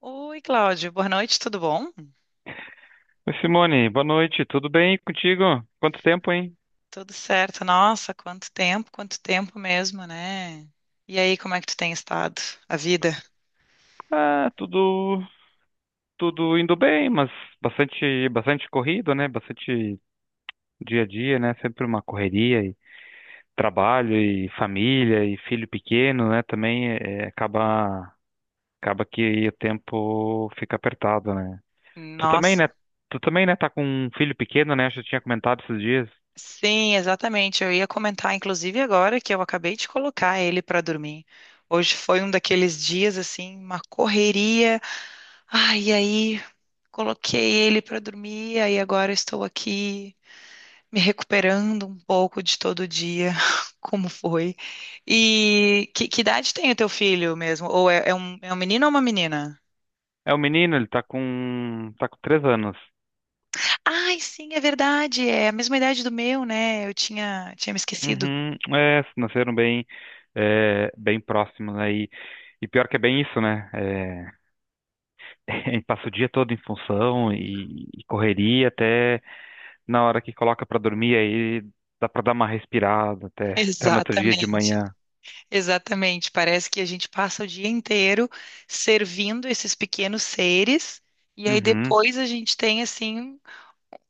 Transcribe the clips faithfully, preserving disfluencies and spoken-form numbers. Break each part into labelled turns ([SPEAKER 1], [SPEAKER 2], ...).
[SPEAKER 1] Oi, Cláudio, boa noite, tudo bom?
[SPEAKER 2] Oi, Simone, boa noite, tudo bem contigo? Quanto tempo, hein?
[SPEAKER 1] Tudo certo, nossa, quanto tempo, quanto tempo mesmo, né? E aí, como é que tu tem estado? A vida?
[SPEAKER 2] Ah, tudo, tudo indo bem, mas bastante, bastante corrido, né? Bastante dia a dia, né? Sempre uma correria e trabalho e família e filho pequeno, né? Também é, acaba, acaba que o tempo fica apertado, né? Tu também,
[SPEAKER 1] Nossa.
[SPEAKER 2] né? Tu também, né? Tá com um filho pequeno, né? Acho que eu tinha comentado esses dias.
[SPEAKER 1] Sim, exatamente. Eu ia comentar, inclusive, agora que eu acabei de colocar ele para dormir. Hoje foi um daqueles dias, assim, uma correria. Ai, e aí, coloquei ele para dormir, aí agora estou aqui. Me recuperando um pouco de todo dia, como foi. E que, que idade tem o teu filho mesmo? Ou é, é um, é um menino ou uma menina?
[SPEAKER 2] É o menino, ele tá com, tá com três anos.
[SPEAKER 1] Ai, sim, é verdade, é a mesma idade do meu, né? Eu tinha, tinha me esquecido.
[SPEAKER 2] Uhum, é, nasceram bem, é, bem próximos, né? E, e pior que é bem isso, né? É, a gente passa o dia todo em função e, e correria até na hora que coloca pra dormir, aí dá pra dar uma respirada até, até no outro dia de
[SPEAKER 1] Exatamente,
[SPEAKER 2] manhã.
[SPEAKER 1] exatamente. Parece que a gente passa o dia inteiro servindo esses pequenos seres, e aí
[SPEAKER 2] Uhum,
[SPEAKER 1] depois a gente tem, assim,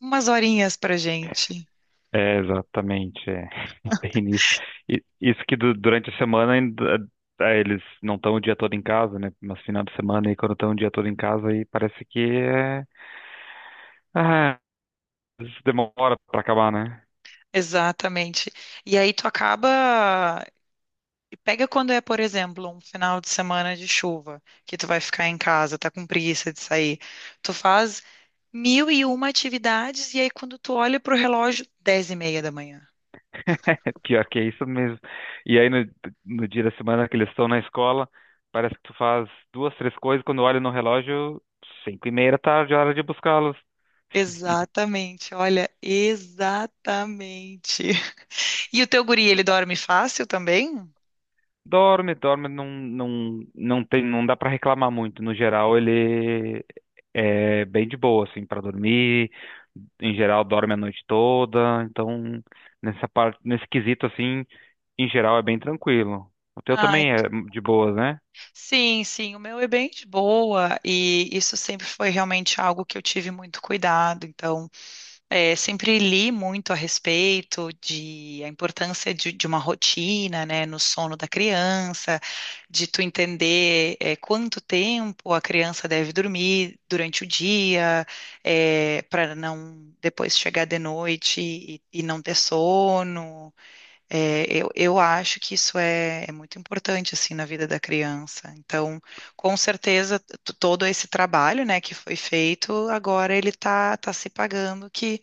[SPEAKER 1] umas horinhas pra gente.
[SPEAKER 2] é, exatamente, é bem isso. E, isso que du- durante a semana ainda, é, eles não estão o dia todo em casa, né? Mas final de semana e quando estão o dia todo em casa, aí parece que é. Ah, isso demora pra acabar, né?
[SPEAKER 1] Exatamente. E aí tu acaba Pega quando é, por exemplo, um final de semana de chuva, que tu vai ficar em casa, tá com preguiça de sair. Tu faz mil e uma atividades e aí quando tu olha pro relógio, dez e meia da manhã.
[SPEAKER 2] Pior que é isso mesmo. E aí, no, no dia da semana que eles estão na escola, parece que tu faz duas, três coisas, quando olha no relógio, cinco e meia da tarde, hora de buscá-los.
[SPEAKER 1] Exatamente, olha, exatamente. E o teu guri, ele dorme fácil também?
[SPEAKER 2] Dorme, dorme, não, não, não tem, não dá pra reclamar muito. No geral, ele é bem de boa, assim, pra dormir. Em geral, dorme a noite toda. Então, nessa parte, nesse quesito, assim, em geral, é bem tranquilo. O teu
[SPEAKER 1] Ai,
[SPEAKER 2] também é
[SPEAKER 1] que-
[SPEAKER 2] de boas, né?
[SPEAKER 1] sim, sim, o meu é bem de boa e isso sempre foi realmente algo que eu tive muito cuidado, então. É, sempre li muito a respeito de a importância de, de uma rotina, né, no sono da criança, de tu entender é, quanto tempo a criança deve dormir durante o dia, para não depois chegar de noite e, e não ter sono. É, eu, eu acho que isso é, é muito importante assim na vida da criança. Então, com certeza, t- todo esse trabalho, né, que foi feito, agora ele tá, tá se pagando, que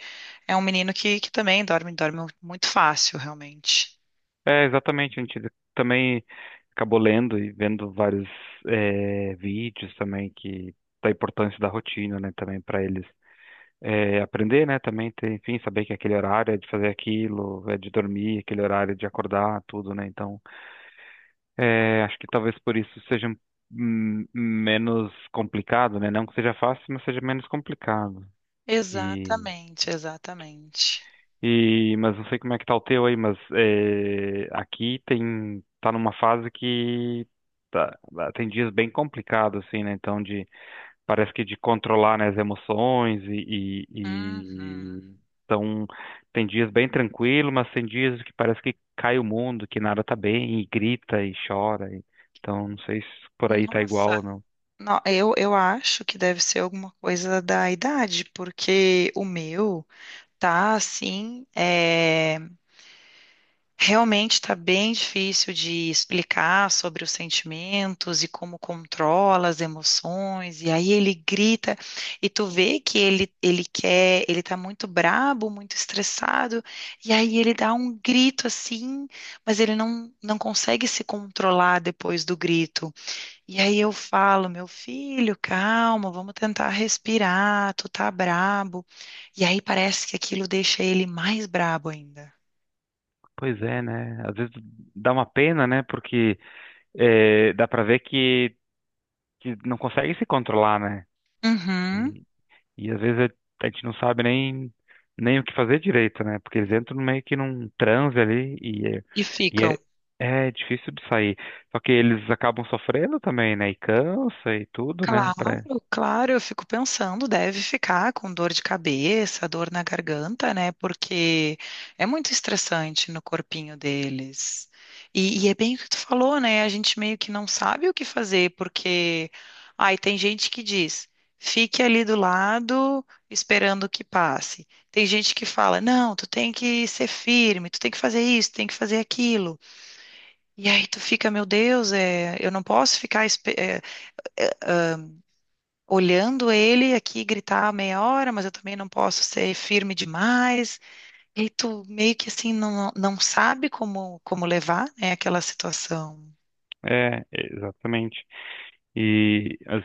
[SPEAKER 1] é um menino que, que também dorme, dorme muito fácil, realmente.
[SPEAKER 2] É, exatamente, a gente também acabou lendo e vendo vários eh, vídeos também que da importância da rotina, né, também para eles eh, aprender, né, também ter, enfim, saber que aquele horário é de fazer aquilo, é de dormir, aquele horário é de acordar, tudo, né, então eh, acho que talvez por isso seja hum, menos complicado, né, não que seja fácil, mas seja menos complicado.
[SPEAKER 1] Exatamente, exatamente.
[SPEAKER 2] E, mas não sei como é que tá o teu aí, mas é, aqui tem, tá numa fase que tá, tá, tem dias bem complicados, assim, né? Então, de, parece que de controlar, né, as emoções e, e,
[SPEAKER 1] Uhum.
[SPEAKER 2] e- então, tem dias bem tranquilo, mas tem dias que parece que cai o mundo, que nada tá bem, e grita e chora. E- então, não sei se por aí tá
[SPEAKER 1] Nossa,
[SPEAKER 2] igual ou não.
[SPEAKER 1] não, eu, eu acho que deve ser alguma coisa da idade, porque o meu tá assim, realmente está bem difícil de explicar sobre os sentimentos e como controla as emoções. E aí ele grita e tu vê que ele ele quer, ele tá muito brabo, muito estressado. E aí ele dá um grito assim, mas ele não não consegue se controlar depois do grito. E aí eu falo, meu filho, calma, vamos tentar respirar. Tu tá brabo. E aí parece que aquilo deixa ele mais brabo ainda.
[SPEAKER 2] Pois é, né? Às vezes dá uma pena, né? Porque é, dá pra ver que, que não consegue se controlar, né?
[SPEAKER 1] Uhum.
[SPEAKER 2] E, e às vezes a a gente não sabe nem, nem o que fazer direito, né? Porque eles entram meio que num transe ali e, é-
[SPEAKER 1] E
[SPEAKER 2] e
[SPEAKER 1] ficam.
[SPEAKER 2] é, é difícil de sair. Só que eles acabam sofrendo também, né? E cansa e tudo, né? Pra...
[SPEAKER 1] Claro, claro, eu fico pensando, deve ficar com dor de cabeça, dor na garganta, né? Porque é muito estressante no corpinho deles. E, e é bem o que tu falou, né? A gente meio que não sabe o que fazer, porque ai, tem gente que diz, fique ali do lado esperando que passe. Tem gente que fala, não, tu tem que ser firme, tu tem que fazer isso, tem que fazer aquilo. E aí tu fica, meu Deus, é, eu não posso ficar olhando ele aqui gritar meia hora, mas eu também não posso ser firme demais. E tu meio que assim não, não sabe como, como levar, né, aquela situação.
[SPEAKER 2] É, exatamente. E as-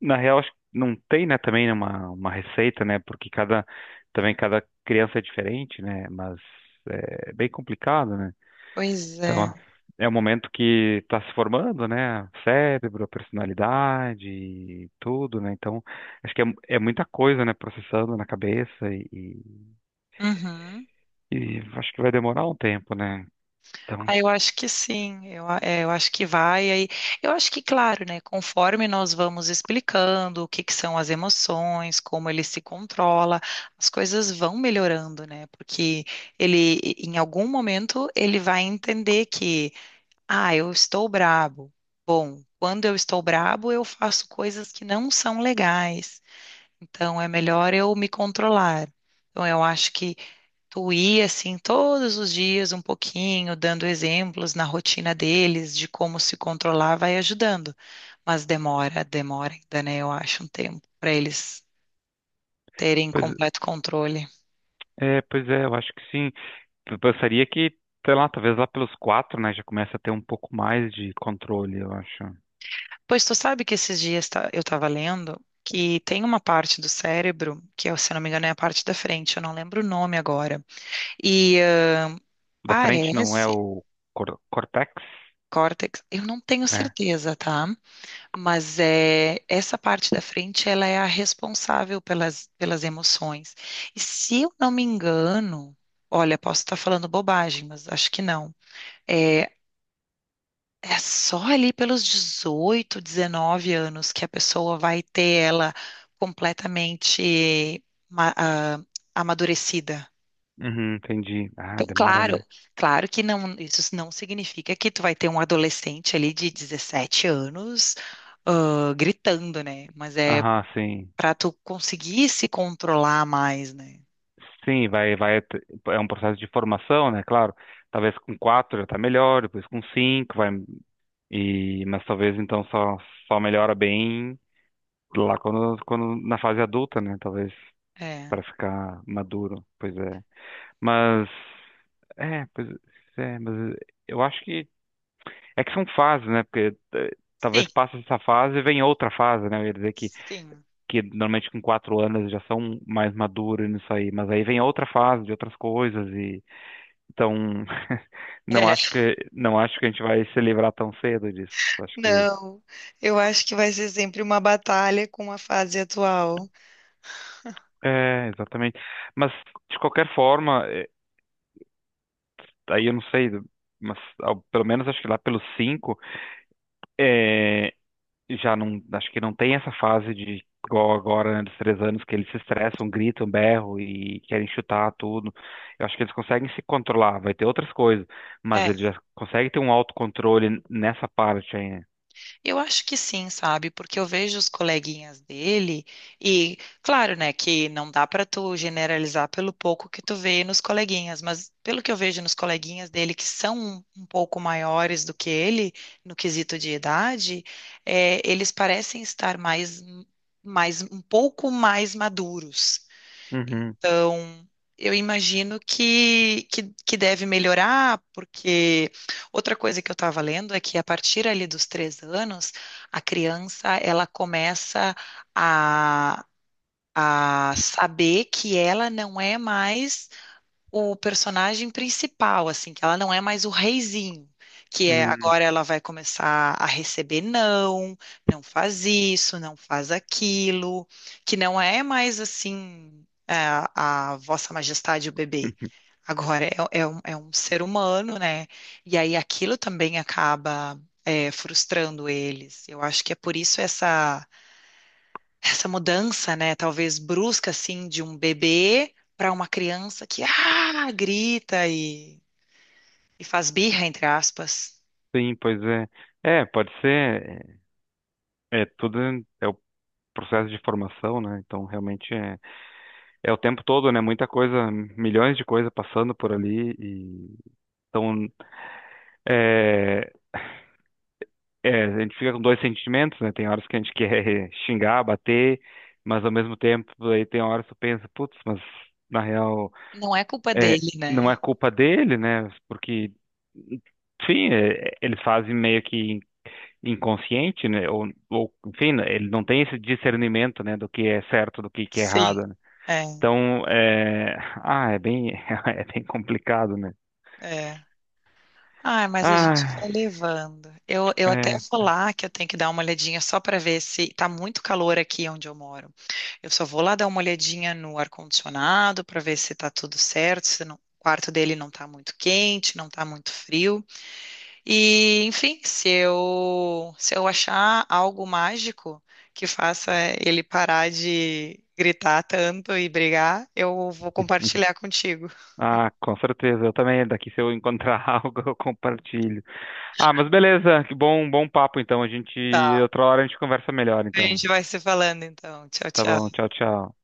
[SPEAKER 2] Na real, acho que não tem, né, também uma, uma receita, né? Porque cada, também cada criança é diferente, né? Mas é bem complicado, né?
[SPEAKER 1] Pois
[SPEAKER 2] Então,
[SPEAKER 1] é.
[SPEAKER 2] ó, é o momento que está se formando, né? O cérebro, a personalidade, e tudo, né? Então, acho que é, é muita coisa, né? Processando na cabeça e, e-
[SPEAKER 1] Uhum.
[SPEAKER 2] e acho que vai demorar um tempo, né? Então,
[SPEAKER 1] Ah, eu acho que sim, eu, a- é, eu acho que vai aí. Eu acho que, claro, né, conforme nós vamos explicando o que que são as emoções, como ele se controla, as coisas vão melhorando, né? Porque ele, em algum momento, ele vai entender que ah, eu estou brabo. Bom, quando eu estou brabo, eu faço coisas que não são legais. Então é melhor eu me controlar. Então eu acho que tu ir assim todos os dias um pouquinho, dando exemplos na rotina deles de como se controlar, vai ajudando. Mas demora, demora ainda, né? Eu acho um tempo para eles terem
[SPEAKER 2] pois
[SPEAKER 1] completo controle.
[SPEAKER 2] é, pois é, eu acho que sim. Eu pensaria que, sei lá, talvez lá pelos quatro, né? Já começa a ter um pouco mais de controle, eu acho.
[SPEAKER 1] Pois tu sabe que esses dias tá- eu estava lendo que tem uma parte do cérebro, que é, se eu não me engano é a parte da frente, eu não lembro o nome agora. E eh,
[SPEAKER 2] Da frente não é
[SPEAKER 1] parece
[SPEAKER 2] o cor- cortex,
[SPEAKER 1] córtex, eu não tenho
[SPEAKER 2] né?
[SPEAKER 1] certeza, tá? Mas é essa parte da frente, ela é a responsável pelas, pelas emoções. E se eu não me engano, olha, posso estar falando bobagem, mas acho que não. É, É só ali pelos dezoito, dezenove anos que a pessoa vai ter ela completamente ma- ah, amadurecida.
[SPEAKER 2] Uhum, entendi. Ah,
[SPEAKER 1] Então,
[SPEAKER 2] demora,
[SPEAKER 1] claro,
[SPEAKER 2] né?
[SPEAKER 1] claro que não, isso não significa que tu vai ter um adolescente ali de dezessete anos, ah, gritando, né? Mas é
[SPEAKER 2] Aham, sim.
[SPEAKER 1] para tu conseguir se controlar mais, né?
[SPEAKER 2] Sim, vai, vai, é um processo de formação, né? Claro, talvez com quatro já tá melhor, depois com cinco vai, e, mas talvez então só, só melhora bem lá quando, quando na fase adulta, né? Talvez
[SPEAKER 1] É.
[SPEAKER 2] para ficar maduro, pois é. Mas, é, pois é, mas eu acho que, é que são fases, né? Porque eh,
[SPEAKER 1] Sim,
[SPEAKER 2] talvez passe essa fase e vem outra fase, né? Eu ia dizer que,
[SPEAKER 1] sim.
[SPEAKER 2] que normalmente com quatro anos já são mais maduros nisso aí, mas aí vem outra fase de outras coisas e então, não
[SPEAKER 1] É.
[SPEAKER 2] acho que não acho que a gente vai se livrar tão cedo disso. Acho que
[SPEAKER 1] Não, eu acho que vai ser sempre uma batalha com a fase atual.
[SPEAKER 2] é, exatamente. Mas de qualquer forma, é, aí eu não sei, mas ao- pelo menos acho que lá pelos cinco, é, já não acho que não tem essa fase de igual agora, né, dos três anos que eles se estressam, gritam, berram e querem chutar tudo. Eu acho que eles conseguem se controlar, vai ter outras coisas, mas
[SPEAKER 1] É.
[SPEAKER 2] eles já conseguem ter um autocontrole nessa parte aí, né?
[SPEAKER 1] Eu acho que sim, sabe? Porque eu vejo os coleguinhas dele e, claro, né, que não dá para tu generalizar pelo pouco que tu vê nos coleguinhas, mas pelo que eu vejo nos coleguinhas dele que são um pouco maiores do que ele no quesito de idade, é, eles parecem estar mais, mais um pouco mais maduros.
[SPEAKER 2] Uhum,
[SPEAKER 1] Então, eu imagino que, que, que deve melhorar, porque outra coisa que eu estava lendo é que a partir ali dos três anos, a criança ela começa a, a saber que ela não é mais o personagem principal, assim, que ela não é mais o reizinho, que é
[SPEAKER 2] uhum.
[SPEAKER 1] agora ela vai começar a receber não, não faz isso, não faz aquilo, que não é mais assim é, a Vossa Majestade o bebê. Agora é, é um, é um ser humano, né? E aí aquilo também acaba é, frustrando eles. Eu acho que é por isso essa essa mudança, né, talvez brusca assim de um bebê para uma criança que ah, grita e, e faz birra, entre aspas.
[SPEAKER 2] Sim, pois é. É, pode ser. É, é tudo é o processo de formação, né? Então, realmente é, é o tempo todo, né? Muita coisa, milhões de coisas passando por ali. E, então, é, é, a gente fica com dois sentimentos, né? Tem horas que a gente quer xingar, bater, mas ao mesmo tempo, aí tem horas que tu pensa, putz, mas na real,
[SPEAKER 1] Não é culpa
[SPEAKER 2] é,
[SPEAKER 1] dele,
[SPEAKER 2] não
[SPEAKER 1] né?
[SPEAKER 2] é culpa dele, né? Porque, enfim, é, é, eles fazem meio que inconsciente, né? Ou, ou, enfim, né, ele não tem esse discernimento, né, do que é certo, do que que é
[SPEAKER 1] Sim,
[SPEAKER 2] errado, né?
[SPEAKER 1] é,
[SPEAKER 2] Então, é... Ah, é bem, é bem complicado, né?
[SPEAKER 1] é. Ah, mas a gente
[SPEAKER 2] Ah,
[SPEAKER 1] vai levando. Eu, eu até
[SPEAKER 2] é...
[SPEAKER 1] vou lá que eu tenho que dar uma olhadinha só para ver se tá muito calor aqui onde eu moro. Eu só vou lá dar uma olhadinha no ar-condicionado para ver se tá tudo certo, se não- o quarto dele não tá muito quente, não tá muito frio. E, enfim, se eu, se eu achar algo mágico que faça ele parar de gritar tanto e brigar, eu vou compartilhar contigo.
[SPEAKER 2] Ah, com certeza, eu também, daqui se eu encontrar algo, eu compartilho. Ah, mas beleza, que bom, bom papo, então, a gente,
[SPEAKER 1] Tá.
[SPEAKER 2] outra hora a gente conversa melhor,
[SPEAKER 1] A
[SPEAKER 2] então.
[SPEAKER 1] gente vai se falando então. Tchau,
[SPEAKER 2] Tá bom,
[SPEAKER 1] tchau.
[SPEAKER 2] tchau, tchau.